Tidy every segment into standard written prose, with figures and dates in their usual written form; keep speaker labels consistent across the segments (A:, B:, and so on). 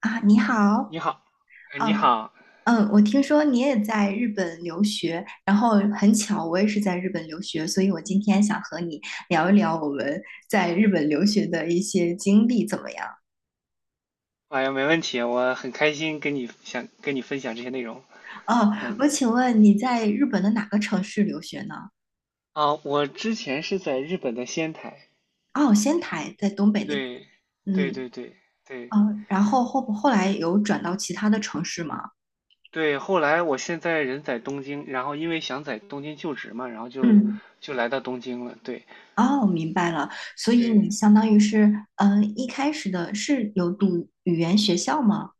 A: 啊，你好。
B: 你好，你
A: 哦。
B: 好。
A: 我听说你也在日本留学，然后很巧，我也是在日本留学，所以我今天想和你聊一聊我们在日本留学的一些经历，怎么样？
B: 哎呀，没问题，我很开心想跟你分享这些内容。
A: 哦，
B: 嗯。
A: 我请问你在日本的哪个城市留学呢？
B: 啊，我之前是在日本的仙台。
A: 哦，仙台，在东北那边。
B: 对，对
A: 嗯。
B: 对对对
A: 哦，然后后来有转到其他的城市吗？
B: 对。后来我现在人在东京，然后因为想在东京就职嘛，然后就
A: 嗯。
B: 就来到东京了。对
A: 哦，明白了，所以你
B: 对，
A: 相当于是，一开始的是有读语言学校吗？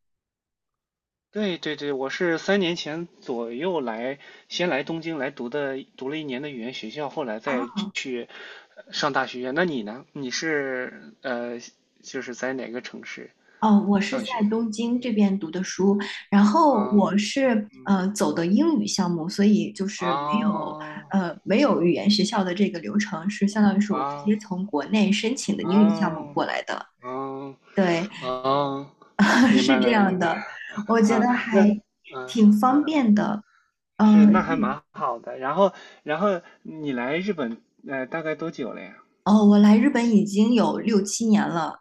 B: 对对对，我是三年前左右来，先来东京来读的，读了一年的语言学校，后来再去上大学。那你呢？你是就是在哪个城市
A: 哦，我是
B: 上
A: 在
B: 学？
A: 东京这边读的书，然后
B: 啊，
A: 我是
B: 嗯，
A: 走的英语项目，所以就是没有
B: 啊
A: 呃没有语言学校的这个流程，是相当于是我直接
B: 啊
A: 从国内申请的英语项目
B: 啊
A: 过来的。
B: 啊
A: 对。
B: 啊。明
A: 是
B: 白
A: 这
B: 了，
A: 样
B: 明白了
A: 的，我觉得
B: 啊。那
A: 还
B: 嗯
A: 挺方
B: 嗯，
A: 便的。
B: 是，那还
A: 嗯。
B: 蛮好的。然后你来日本大概多久了呀？
A: 哦，我来日本已经有六七年了。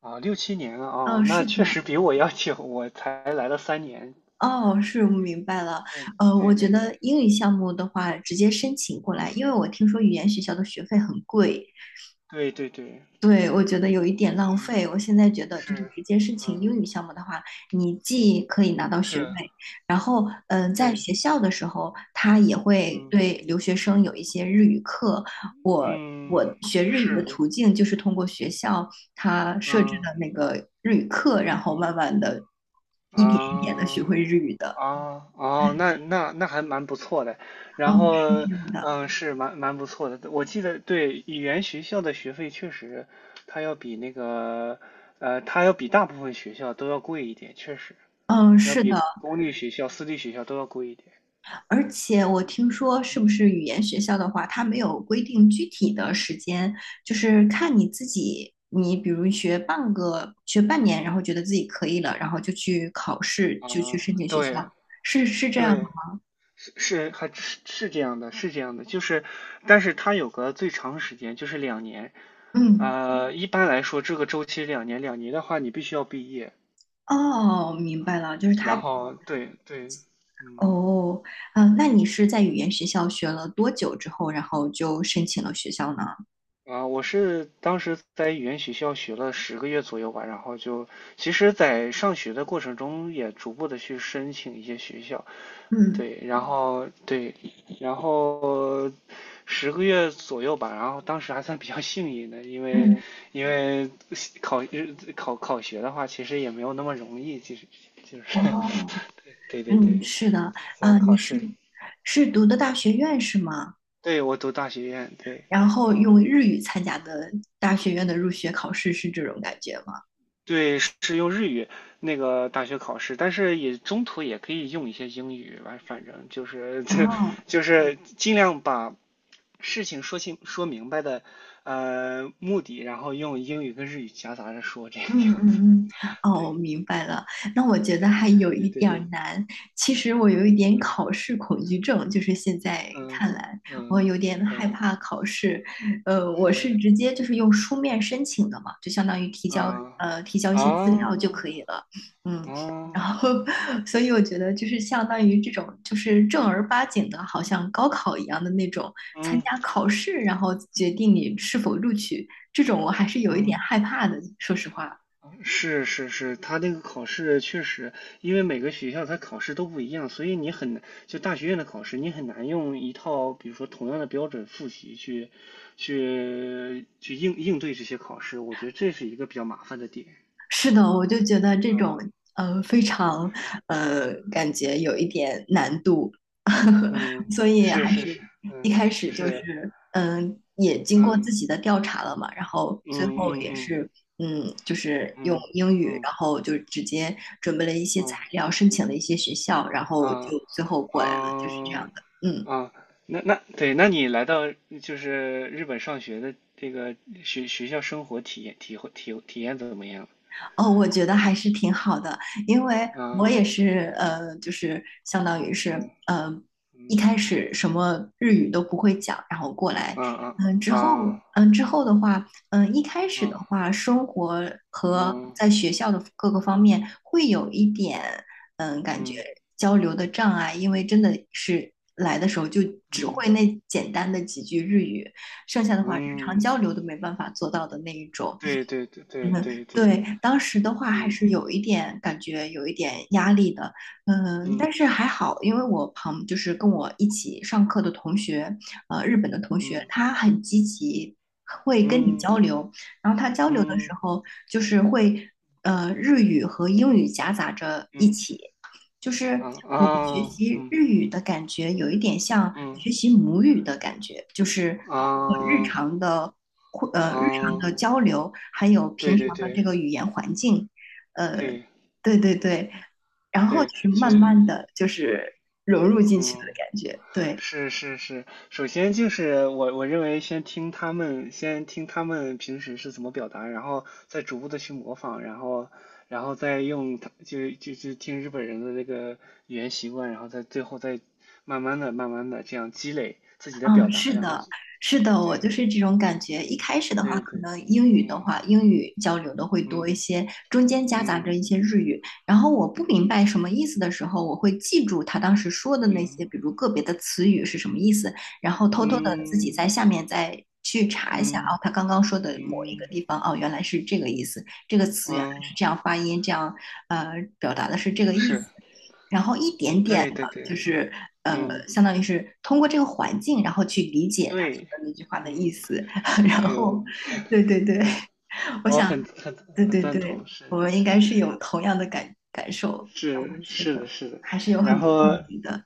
B: 啊，六七年啊，
A: 嗯。
B: 哦，那
A: 是
B: 确
A: 的。
B: 实比我要久，我才来了三年。
A: 哦，是，我明白了。我
B: 对对
A: 觉
B: 对对，
A: 得英语项目的话，直接申请过来，
B: 啊，
A: 因为我听说语言学校的学费很贵，
B: 对对对
A: 对，我觉得有一点浪
B: 对，
A: 费。我现在觉得，就是
B: 是，
A: 直接申请
B: 嗯，
A: 英语项目的话，你既可以拿到学位，
B: 是，
A: 然后，在
B: 对，
A: 学校的时候，他也会
B: 嗯
A: 对留学生有一些日语课。我
B: 嗯，
A: 我学日语的
B: 是，
A: 途径就是通过学校他设置
B: 嗯
A: 的那个日语课，然后慢
B: 嗯
A: 慢的一点一点的学
B: 啊
A: 会日语的。
B: 啊哦，那还蛮不错的。然
A: 嗯。是
B: 后，
A: 这样的。
B: 嗯，是蛮不错的。我记得，对，语言学校的学费确实，它要比那个，它要比大部分学校都要贵一点，确实。
A: 嗯，
B: 要
A: 是的。
B: 比公立学校、私立学校都要贵一点。
A: 而且我听说，是不
B: 嗯，
A: 是语言学校的话，它没有规定具体的时间，就是看你自己，你比如学半个，学半年，然后觉得自己可以了，然后就去考试，就去
B: 啊，
A: 申请学校，
B: 对
A: 是这样吗？
B: 对，是是还是是这样的，是这样的，就是，但是它有个最长时间，就是两年。
A: 嗯。
B: 一般来说，这个周期两年，两年的话，你必须要毕业。
A: 哦，明白了，就是
B: 然
A: 他，
B: 后，对对，嗯。
A: 哦。那你是在语
B: 嗯
A: 言学校学了多久之后，然后就申请了学校呢？
B: 啊，我是当时在语言学校学了十个月左右吧，然后就，其实，在上学的过程中也逐步的去申请一些学校，
A: 嗯
B: 对，然后对，然后十个月左右吧，然后当时还算比较幸运的，因为
A: 嗯。
B: 因为考考考学的话，其实也没有那么容易，其实就是
A: 哦。
B: 对对
A: 嗯，
B: 对，
A: 是的。
B: 只要
A: 啊，
B: 考
A: 你
B: 试，
A: 是读的大学院是吗？
B: 对我读大学院，对，
A: 然后
B: 嗯，
A: 用日语参加的大学院的入学考试是这种感觉吗？
B: 对，是那个大学考试，但是也中途也可以用一些英语吧，反正就是 就
A: 哦。
B: 就是尽量把事情说明白的，目的，然后用英语跟日语夹杂着说，这个
A: 嗯
B: 样子。
A: 嗯嗯。哦，我
B: 对，
A: 明白了。那我觉得还有
B: 对
A: 一
B: 对
A: 点儿
B: 对，
A: 难。其实我有一点
B: 嗯
A: 考试恐惧症，就是现在
B: 嗯
A: 看来，我
B: 嗯
A: 有点害
B: 嗯，
A: 怕考试。我
B: 是，
A: 是直接就是用书面申请的嘛，就相当于提交
B: 啊
A: 呃提交一
B: 啊
A: 些资料就可以了。嗯。然
B: 啊
A: 后 所以我觉得就是相当于这种就是正儿八经的，好像高考一样的那种参
B: 嗯
A: 加考试，然后决定你是否录取，这种我还是有一点
B: 嗯，
A: 害怕的，说实话。
B: 是是是，他那个考试确实，因为每个学校它考试都不一样，所以你很难，就大学院的考试，你很难用一套比如说同样的标准复习去应对这些考试，我觉得这是一个比较麻烦的点。
A: 是的，我就觉得这
B: 嗯，
A: 种非常
B: 是，
A: 感觉有一点难度，
B: 嗯，
A: 所以
B: 是
A: 还
B: 是是，
A: 是
B: 嗯，
A: 一开始就
B: 是，
A: 是也经过
B: 嗯
A: 自己的调查了嘛，然后
B: 嗯
A: 最后也
B: 嗯
A: 是就是用
B: 嗯
A: 英语，
B: 嗯嗯
A: 然后就直接准备了一些材
B: 嗯
A: 料，申请了一些学校，然后就
B: 啊
A: 最后过来了，就是这
B: 啊
A: 样的。嗯。
B: 啊。那对，那你来到就是日本上学的这个学校生活体验体会体体验怎么样？
A: 哦，我觉得还是挺好的，因为我
B: 啊
A: 也是就是相当于
B: 嗯
A: 是呃，
B: 嗯
A: 一开始什么日语都不会讲，然后过来，
B: 啊啊
A: 嗯、之
B: 啊
A: 后之后的话，一开始的
B: 啊
A: 话，生活和
B: 嗯
A: 在学校的各个方面会有一点感觉
B: 嗯
A: 交流的障碍，因为真的是来的时候就只
B: 嗯
A: 会那简单的几句日语，剩下的话日常
B: 嗯，
A: 交流都没办法做到的那一种。
B: 对对对
A: 嗯。
B: 对对对，
A: 对，当时的话还
B: 嗯
A: 是有一点感觉，有一点压力的，嗯，
B: 嗯
A: 但是还好，因为就是跟我一起上课的同学，日本的同学，
B: 嗯
A: 他很积极，会跟你
B: 嗯
A: 交流，然后他交流的时
B: 嗯
A: 候就是会，日语和英语夹杂着一
B: 嗯。
A: 起，就是
B: 啊
A: 我学
B: 啊，
A: 习
B: 嗯
A: 日语的感觉有一点像
B: 嗯
A: 学习母语的感觉，就是通过日
B: 啊
A: 常的。日常
B: 啊，
A: 的交流，还有平
B: 对对
A: 常的这
B: 对
A: 个语言环境，呃，
B: 对
A: 对对对，然后就
B: 对，
A: 是
B: 就，
A: 慢慢的就是融入进去的
B: 嗯，
A: 感觉，对。
B: 是是是，首先就是我认为先听他们平时是怎么表达，然后再逐步的去模仿，然后再用他就就就听日本人的那个语言习惯，然后再最后再慢慢的慢慢的这样积累自己的表
A: 嗯。
B: 达，
A: 是
B: 然后
A: 的，是的，我
B: 对
A: 就是这种感觉。一开始的话，
B: 对
A: 可
B: 对，
A: 能英语的
B: 嗯
A: 话，英语交流的会多
B: 嗯
A: 一些，中间夹杂
B: 嗯
A: 着一些日语。然后我不
B: 嗯
A: 明白
B: 嗯
A: 什么意思的时候，我会记住他当时说的那
B: 嗯。
A: 些，比
B: 嗯
A: 如个别的词语
B: 嗯
A: 是什么意思，然后偷偷的自己
B: 嗯
A: 在下面再去查一下，
B: 嗯
A: 哦，他刚刚说的某一个
B: 嗯
A: 地方，哦，原来是这个意思，这个词原来是
B: 嗯，
A: 这样发音，这样呃表达的是这个意
B: 是，
A: 思。然后一点点。
B: 对对
A: 就
B: 对，嗯
A: 是
B: 嗯，
A: 相当于是通过这个环境，然后去理解他说
B: 对，
A: 的那句话的
B: 嗯，
A: 意思。然
B: 对哦，
A: 后，对对对，
B: 嗯，
A: 我
B: 我
A: 想，
B: 很很
A: 对
B: 很
A: 对
B: 赞
A: 对，
B: 同，
A: 我
B: 是
A: 们应该
B: 是
A: 是有同样的感受。嗯，
B: 是
A: 是
B: 是的，
A: 的，
B: 是的。
A: 还是有很
B: 然
A: 多共
B: 后
A: 鸣的。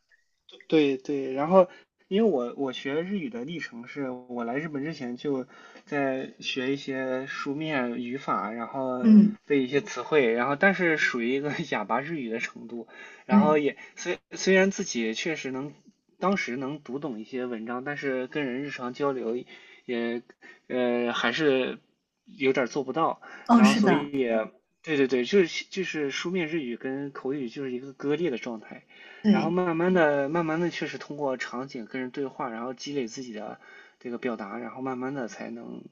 B: 对对，然后因为我学日语的历程是，我来日本之前就在学一些书面语法，然后
A: 嗯。
B: 背一些词汇，然后但是属于一个 哑巴日语的程度，然
A: 对。
B: 后也虽然自己确实能，当时能读懂一些文章，但是跟人日常交流也还是有点儿做不到，
A: 哦，
B: 然后
A: 是
B: 所
A: 的。
B: 以对对对，就是书面日语跟口语就是一个割裂的状态。然后
A: 对。
B: 慢慢的、慢慢的，确实通过场景跟人对话，然后积累自己的这个表达，然后慢慢的才能，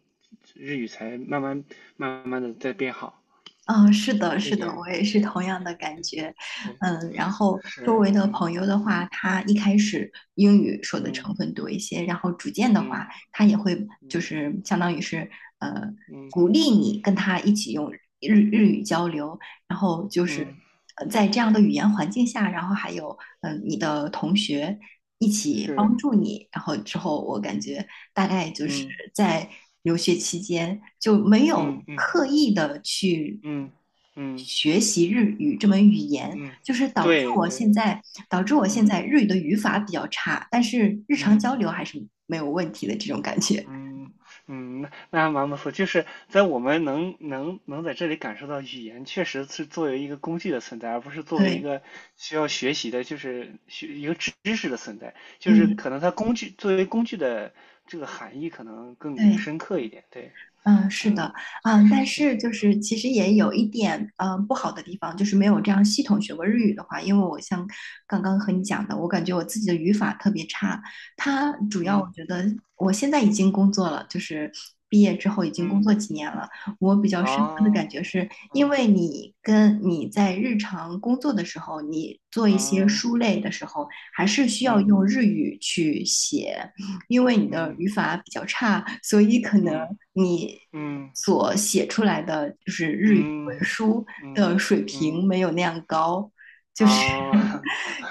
B: 日语才慢慢、慢慢的在变好。
A: 嗯，是的，
B: 这一
A: 是的，
B: 点，
A: 我也是
B: 对，
A: 同样的感觉。
B: 对，
A: 嗯，然后周
B: 是，
A: 围的
B: 嗯
A: 朋友的
B: 嗯
A: 话，他一开始英语说的
B: 嗯
A: 成分多一些，然后逐渐的
B: 嗯
A: 话，他也会就
B: 嗯
A: 是相当于是呃
B: 嗯
A: 鼓励你跟他一起用日语交流，然后就是
B: 嗯，
A: 在这样的语言环境下，然后还有你的同学一起
B: 是，
A: 帮助你，然后之后我感觉大概就是
B: 嗯
A: 在留学期间就没
B: 嗯
A: 有
B: 嗯
A: 刻意的去
B: 嗯嗯
A: 学习日语这门语言，
B: 嗯，
A: 就是导致
B: 对
A: 我
B: 对，
A: 现在导致我现
B: 嗯
A: 在日语的语法比较差，但是日常
B: 嗯。
A: 交流还是没有问题的这种感觉。
B: 嗯嗯，那还蛮不错。就是在我们能在这里感受到，语言确实是作为一个工具的存在，而不是作为一
A: 对。
B: 个需要学习的，就是学知识的存在。就是
A: 嗯。
B: 可能它工具作为工具的这个含义可能更
A: 对。
B: 深刻一点。对，
A: 嗯，是
B: 嗯，
A: 的。
B: 确实
A: 但
B: 确
A: 是
B: 实，
A: 就是其实也有一点不好的地方，就是没有这样系统学过日语的
B: 嗯
A: 话，因为我像刚刚和你
B: 嗯
A: 讲的，我感觉我自己的语法特别差。它主要我
B: 嗯
A: 觉得我现在已经工作了，就是毕业之后已经工
B: 嗯，
A: 作几年了，我比较深刻的
B: 哦，
A: 感觉是，因
B: 嗯
A: 为你
B: 嗯，
A: 在日常工作的时候，你做一些
B: 哦，
A: 书类的时候，还是需要
B: 嗯
A: 用日语去写。因为你的
B: 嗯
A: 语法比较差，所以可能
B: 嗯
A: 你
B: 嗯
A: 所写出来的就是日语文
B: 嗯
A: 书
B: 嗯嗯。
A: 的水
B: 嗯，
A: 平没有那样高，
B: 啊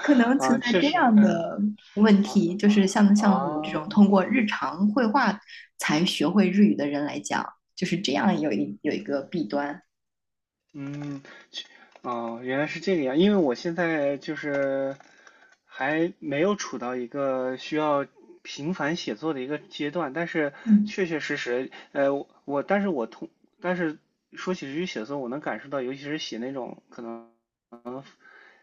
A: 可 能存
B: 啊，
A: 在
B: 确
A: 这
B: 实，
A: 样
B: 嗯，
A: 的问
B: 啊
A: 题，就
B: 啊
A: 是像我这种
B: 啊，
A: 通过日常绘画才学会日语的人来讲，就是这样有一个弊端。
B: 嗯，确哦，原来是这个样，因为我现在就是还没有处到一个需要频繁写作的一个阶段，但是
A: 嗯
B: 确确实实，我但是我通，但是说起日语写作，我能感受到，尤其是写那种可能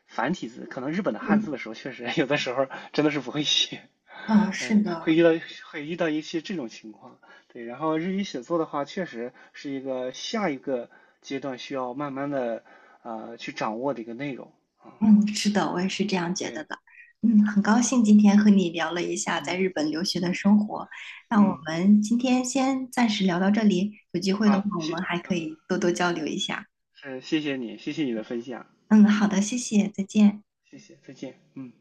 B: 繁体字，可能日本的汉字
A: 嗯
B: 的时候，确实 有的时候真的是不会写。
A: 嗯。是
B: 嗯，会
A: 的。
B: 遇到会遇到一些这种情况，对。然后日语写作的话，确实是一个下一个阶段需要慢慢的去掌握的一个内容。
A: 嗯，是的，我也是这
B: 对
A: 样觉得
B: 对，
A: 的。嗯，很高兴今天和你聊了一下在
B: 嗯
A: 日本留学的
B: 嗯
A: 生活。那我
B: 嗯，
A: 们今天先暂时聊到这里，有机会的话，
B: 好，
A: 我们还可
B: 嗯，
A: 以多多交流一下。
B: 是，谢谢你，谢谢你的分享，
A: 嗯，
B: 嗯，
A: 好的，谢谢，再见。
B: 谢谢，再见，嗯。